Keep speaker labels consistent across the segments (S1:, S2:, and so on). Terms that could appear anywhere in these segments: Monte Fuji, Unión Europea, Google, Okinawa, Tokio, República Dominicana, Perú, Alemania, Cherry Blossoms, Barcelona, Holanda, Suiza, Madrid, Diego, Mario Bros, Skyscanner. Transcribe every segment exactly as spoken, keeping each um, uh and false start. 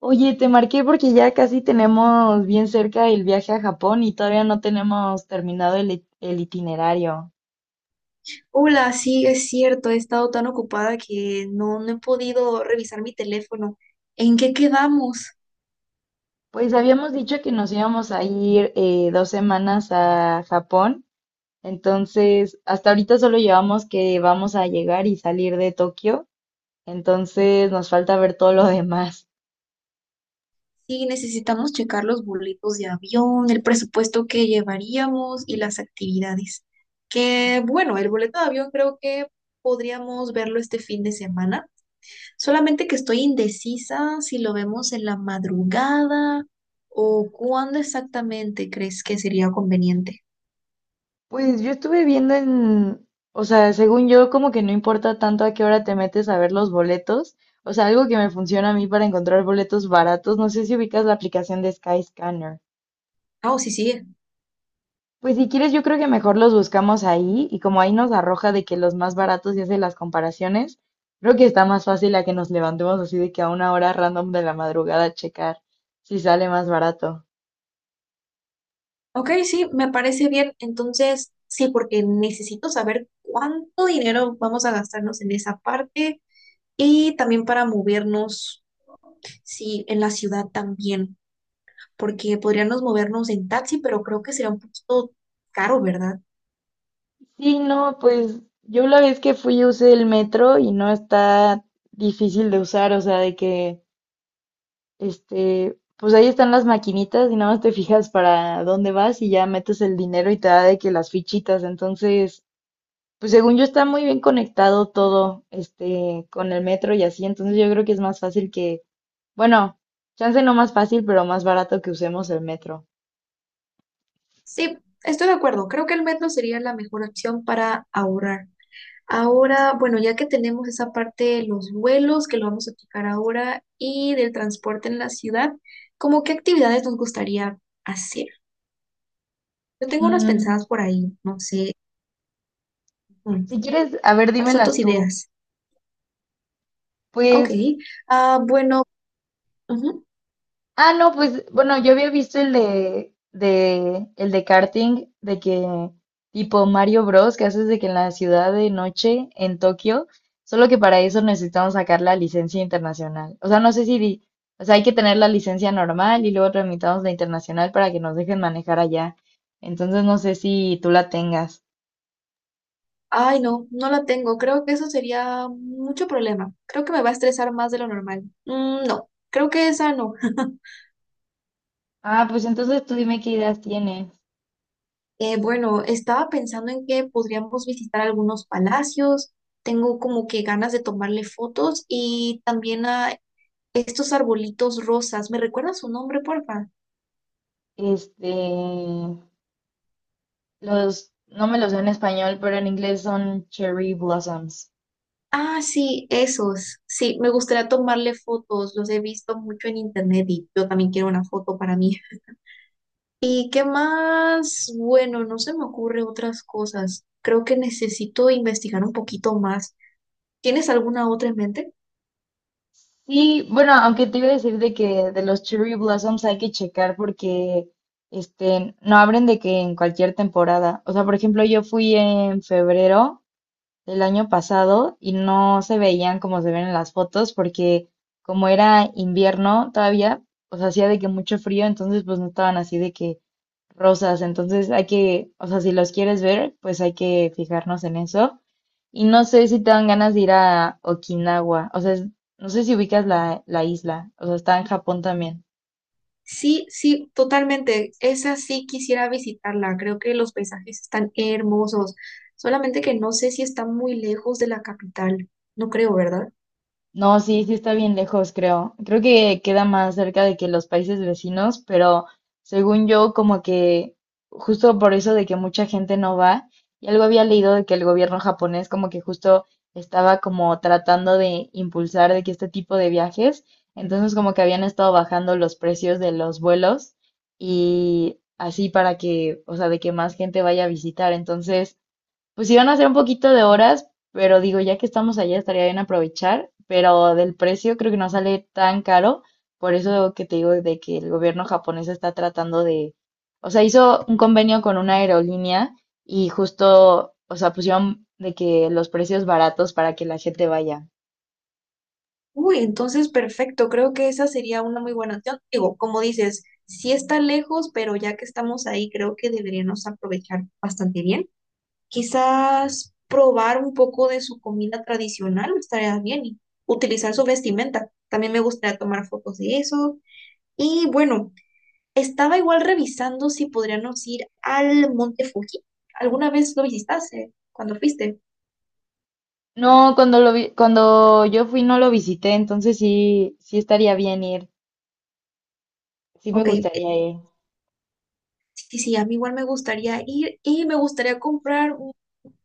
S1: Oye, te marqué porque ya casi tenemos bien cerca el viaje a Japón y todavía no tenemos terminado el, it- el itinerario.
S2: Hola, sí, es cierto, he estado tan ocupada que no, no he podido revisar mi teléfono. ¿En qué quedamos?
S1: Pues habíamos dicho que nos íbamos a ir eh, dos semanas a Japón, entonces hasta ahorita solo llevamos que vamos a llegar y salir de Tokio, entonces nos falta ver todo lo demás.
S2: Sí, necesitamos checar los boletos de avión, el presupuesto que llevaríamos y las actividades. Que bueno, el boleto de avión creo que podríamos verlo este fin de semana, solamente que estoy indecisa si lo vemos en la madrugada o cuándo exactamente crees que sería conveniente.
S1: Pues yo estuve viendo en, o sea, según yo, como que no importa tanto a qué hora te metes a ver los boletos. O sea, algo que me funciona a mí para encontrar boletos baratos. No sé si ubicas la aplicación de Skyscanner.
S2: Ah, o sí, sí.
S1: Pues si quieres, yo creo que mejor los buscamos ahí y como ahí nos arroja de que los más baratos y hace las comparaciones, creo que está más fácil a que nos levantemos así de que a una hora random de la madrugada a checar si sale más barato.
S2: Ok, sí, me parece bien. Entonces, sí, porque necesito saber cuánto dinero vamos a gastarnos en esa parte y también para movernos, sí, en la ciudad también, porque podríamos movernos en taxi, pero creo que sería un poquito caro, ¿verdad?
S1: Sí, no, pues yo la vez que fui usé el metro y no está difícil de usar, o sea, de que, este, pues ahí están las maquinitas y nada más te fijas para dónde vas y ya metes el dinero y te da de que las fichitas, entonces, pues según yo está muy bien conectado todo, este, con el metro y así, entonces yo creo que es más fácil que, bueno, chance no más fácil, pero más barato que usemos el metro.
S2: Sí, estoy de acuerdo. Creo que el metro sería la mejor opción para ahorrar. Ahora, bueno, ya que tenemos esa parte de los vuelos, que lo vamos a checar ahora, y del transporte en la ciudad, ¿cómo qué actividades nos gustaría hacer? Yo tengo unas
S1: Mm,
S2: pensadas por ahí, no sé. mm,
S1: si quieres, a ver,
S2: ¿Cuáles son tus
S1: dímelas tú.
S2: ideas? Ok.
S1: Pues
S2: Ah, bueno. Ujú.
S1: ah, no, pues bueno, yo había visto el de, de, el de karting, de que tipo Mario Bros. Que haces de que en la ciudad de noche en Tokio, solo que para eso necesitamos sacar la licencia internacional. O sea, no sé si, di- o sea, hay que tener la licencia normal y luego tramitamos la internacional para que nos dejen manejar allá. Entonces no sé si tú la tengas.
S2: Ay, no, no la tengo. Creo que eso sería mucho problema. Creo que me va a estresar más de lo normal. Mm, no, creo que esa no.
S1: Ah, pues entonces tú dime qué ideas tienes.
S2: Eh, bueno, estaba pensando en que podríamos visitar algunos palacios. Tengo como que ganas de tomarle fotos y también a estos arbolitos rosas. ¿Me recuerdas su nombre, porfa?
S1: Este, los, no me los sé en español, pero en inglés son cherry blossoms.
S2: Ah, sí, esos. Sí, me gustaría tomarle fotos. Los he visto mucho en internet y yo también quiero una foto para mí. ¿Y qué más? Bueno, no se me ocurre otras cosas. Creo que necesito investigar un poquito más. ¿Tienes alguna otra en mente?
S1: Sí, bueno, aunque te iba a decir de que de los Cherry Blossoms hay que checar porque este no abren de que en cualquier temporada. O sea, por ejemplo, yo fui en febrero del año pasado y no se veían como se ven en las fotos porque como era invierno todavía, pues hacía de que mucho frío, entonces pues no estaban así de que rosas. Entonces hay que, o sea, si los quieres ver, pues hay que fijarnos en eso. Y no sé si te dan ganas de ir a Okinawa. O sea, es- no sé si ubicas la, la isla. O sea, está en Japón también.
S2: Sí, sí, totalmente. Esa sí quisiera visitarla. Creo que los paisajes están hermosos. Solamente que no sé si está muy lejos de la capital. No creo, ¿verdad?
S1: No, sí, sí está bien lejos, creo. Creo que queda más cerca de que los países vecinos, pero según yo, como que justo por eso de que mucha gente no va, y algo había leído de que el gobierno japonés como que justo estaba como tratando de impulsar de que este tipo de viajes, entonces como que habían estado bajando los precios de los vuelos y así para que, o sea, de que más gente vaya a visitar. Entonces, pues iban a ser un poquito de horas, pero digo, ya que estamos allá estaría bien aprovechar, pero del precio creo que no sale tan caro, por eso que te digo de que el gobierno japonés está tratando de, o sea, hizo un convenio con una aerolínea y justo, o sea, pusieron de que los precios baratos para que la gente vaya.
S2: Uy, entonces perfecto, creo que esa sería una muy buena opción. Digo, como dices, sí está lejos, pero ya que estamos ahí, creo que deberíamos aprovechar bastante bien. Quizás probar un poco de su comida tradicional estaría bien y utilizar su vestimenta. También me gustaría tomar fotos de eso. Y bueno, estaba igual revisando si podríamos ir al Monte Fuji. ¿Alguna vez lo visitaste cuando fuiste?
S1: No, cuando lo vi- cuando yo fui no lo visité, entonces sí, sí estaría bien ir, sí me
S2: Ok, eh,
S1: gustaría ir.
S2: sí, sí, a mí igual me gustaría ir y me gustaría comprar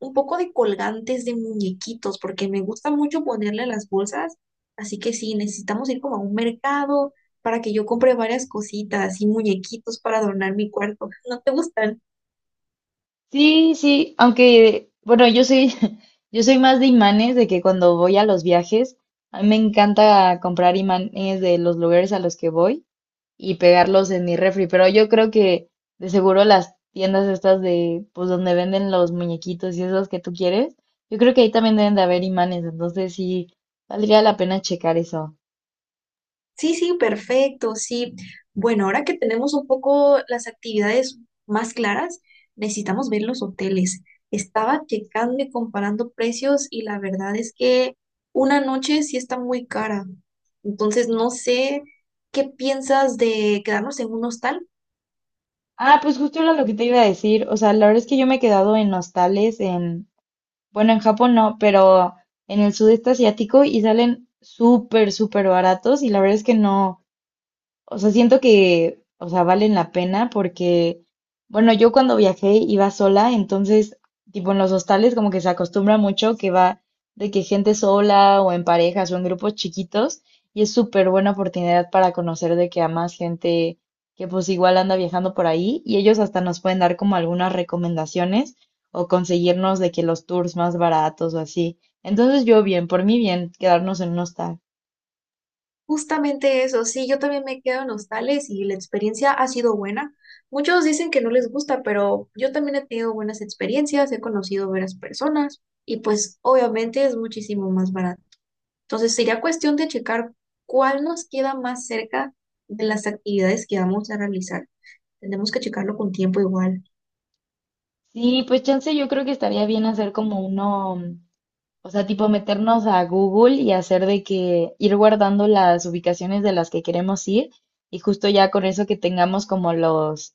S2: un poco de colgantes de muñequitos, porque me gusta mucho ponerle a las bolsas. Así que sí, necesitamos ir como a un mercado para que yo compre varias cositas y muñequitos para adornar mi cuarto. ¿No te gustan?
S1: Sí, sí, aunque, bueno, yo soy, yo soy más de imanes, de que cuando voy a los viajes, a mí me encanta comprar imanes de los lugares a los que voy y pegarlos en mi refri, pero yo creo que de seguro las tiendas estas de, pues donde venden los muñequitos y esos que tú quieres, yo creo que ahí también deben de haber imanes, entonces sí, valdría la pena checar eso.
S2: Sí, sí, perfecto, sí. Bueno, ahora que tenemos un poco las actividades más claras, necesitamos ver los hoteles. Estaba checando y comparando precios y la verdad es que una noche sí está muy cara. Entonces, no sé qué piensas de quedarnos en un hostal.
S1: Ah, pues justo era lo que te iba a decir, o sea, la verdad es que yo me he quedado en hostales. Bueno, en Japón no, pero en el sudeste asiático, y salen súper, súper baratos y la verdad es que no, o sea, siento que, o sea, valen la pena porque, bueno, yo cuando viajé iba sola, entonces, tipo en los hostales como que se acostumbra mucho que va de que gente sola o en parejas o en grupos chiquitos y es súper buena oportunidad para conocer de que a más gente que pues igual anda viajando por ahí y ellos hasta nos pueden dar como algunas recomendaciones o conseguirnos de que los tours más baratos o así. Entonces yo bien, por mí bien, quedarnos en un hostal.
S2: Justamente eso, sí, yo también me quedo en hostales y la experiencia ha sido buena. Muchos dicen que no les gusta, pero yo también he tenido buenas experiencias, he conocido varias personas y pues obviamente es muchísimo más barato. Entonces sería cuestión de checar cuál nos queda más cerca de las actividades que vamos a realizar. Tenemos que checarlo con tiempo igual.
S1: Sí, pues chance yo creo que estaría bien hacer como uno, mm, o sea, tipo meternos a Google y hacer de que ir guardando las ubicaciones de las que queremos ir y justo ya con eso que tengamos como los,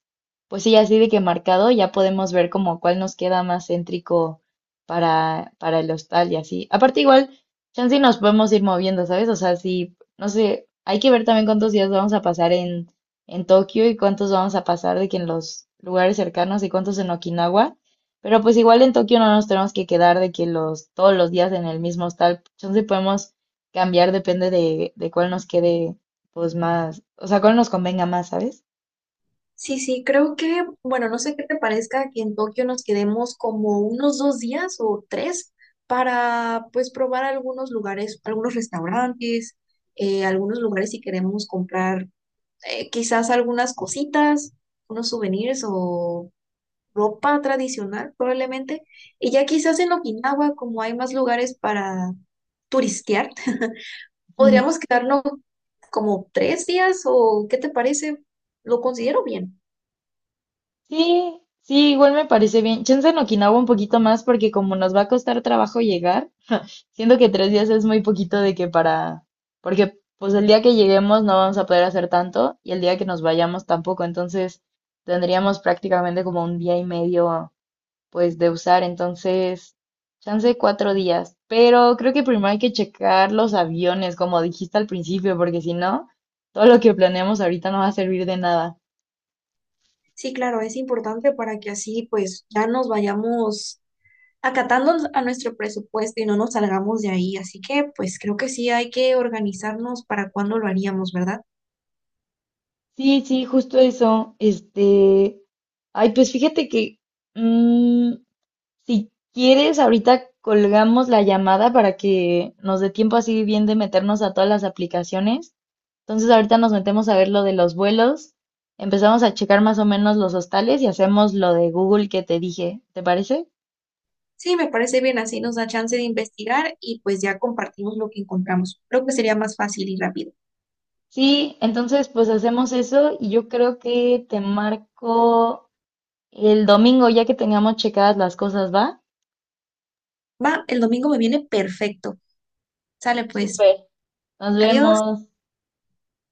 S1: pues sí, así de que marcado, ya podemos ver como cuál nos queda más céntrico para, para el hostal y así. Aparte igual, chance y nos podemos ir moviendo, ¿sabes? O sea, sí, no sé, hay que ver también cuántos días vamos a pasar en, en Tokio y cuántos vamos a pasar de que en los lugares cercanos y cuántos en Okinawa. Pero pues igual en Tokio no nos tenemos que quedar de que los, todos los días en el mismo hostal. Entonces podemos cambiar, depende de, de cuál nos quede pues más, o sea, cuál nos convenga más, ¿sabes?
S2: Sí, sí, creo que, bueno, no sé qué te parezca que en Tokio nos quedemos como unos dos días o tres para pues probar algunos lugares, algunos restaurantes, eh, algunos lugares si queremos comprar eh, quizás algunas cositas, unos souvenirs o ropa tradicional probablemente. Y ya quizás en Okinawa, como hay más lugares para turistear,
S1: Ujú.
S2: podríamos quedarnos como tres días o ¿qué te parece? Lo considero bien.
S1: Sí, sí, igual me parece bien. Chance en Okinawa un poquito más porque como nos va a costar trabajo llegar, siento que tres días es muy poquito de que para, porque pues el día que lleguemos no vamos a poder hacer tanto y el día que nos vayamos tampoco, entonces tendríamos prácticamente como un día y medio pues de usar, entonces, chance cuatro días. Pero creo que primero hay que checar los aviones, como dijiste al principio, porque si no, todo lo que planeamos ahorita no va a servir de nada.
S2: Sí, claro, es importante para que así pues ya nos vayamos acatando a nuestro presupuesto y no nos salgamos de ahí. Así que pues creo que sí hay que organizarnos para cuándo lo haríamos, ¿verdad?
S1: Sí, sí, justo eso. Este, ay, pues fíjate que, mm, si quieres, ahorita colgamos la llamada para que nos dé tiempo así bien de meternos a todas las aplicaciones. Entonces ahorita nos metemos a ver lo de los vuelos, empezamos a checar más o menos los hostales y hacemos lo de Google que te dije, ¿te parece?
S2: Sí, me parece bien, así nos da chance de investigar y pues ya compartimos lo que encontramos. Creo que sería más fácil y rápido.
S1: Sí, entonces pues hacemos eso y yo creo que te marco el domingo ya que tengamos checadas las cosas, ¿va?
S2: Va, el domingo me viene perfecto. Sale pues,
S1: Súper, nos
S2: adiós.
S1: vemos.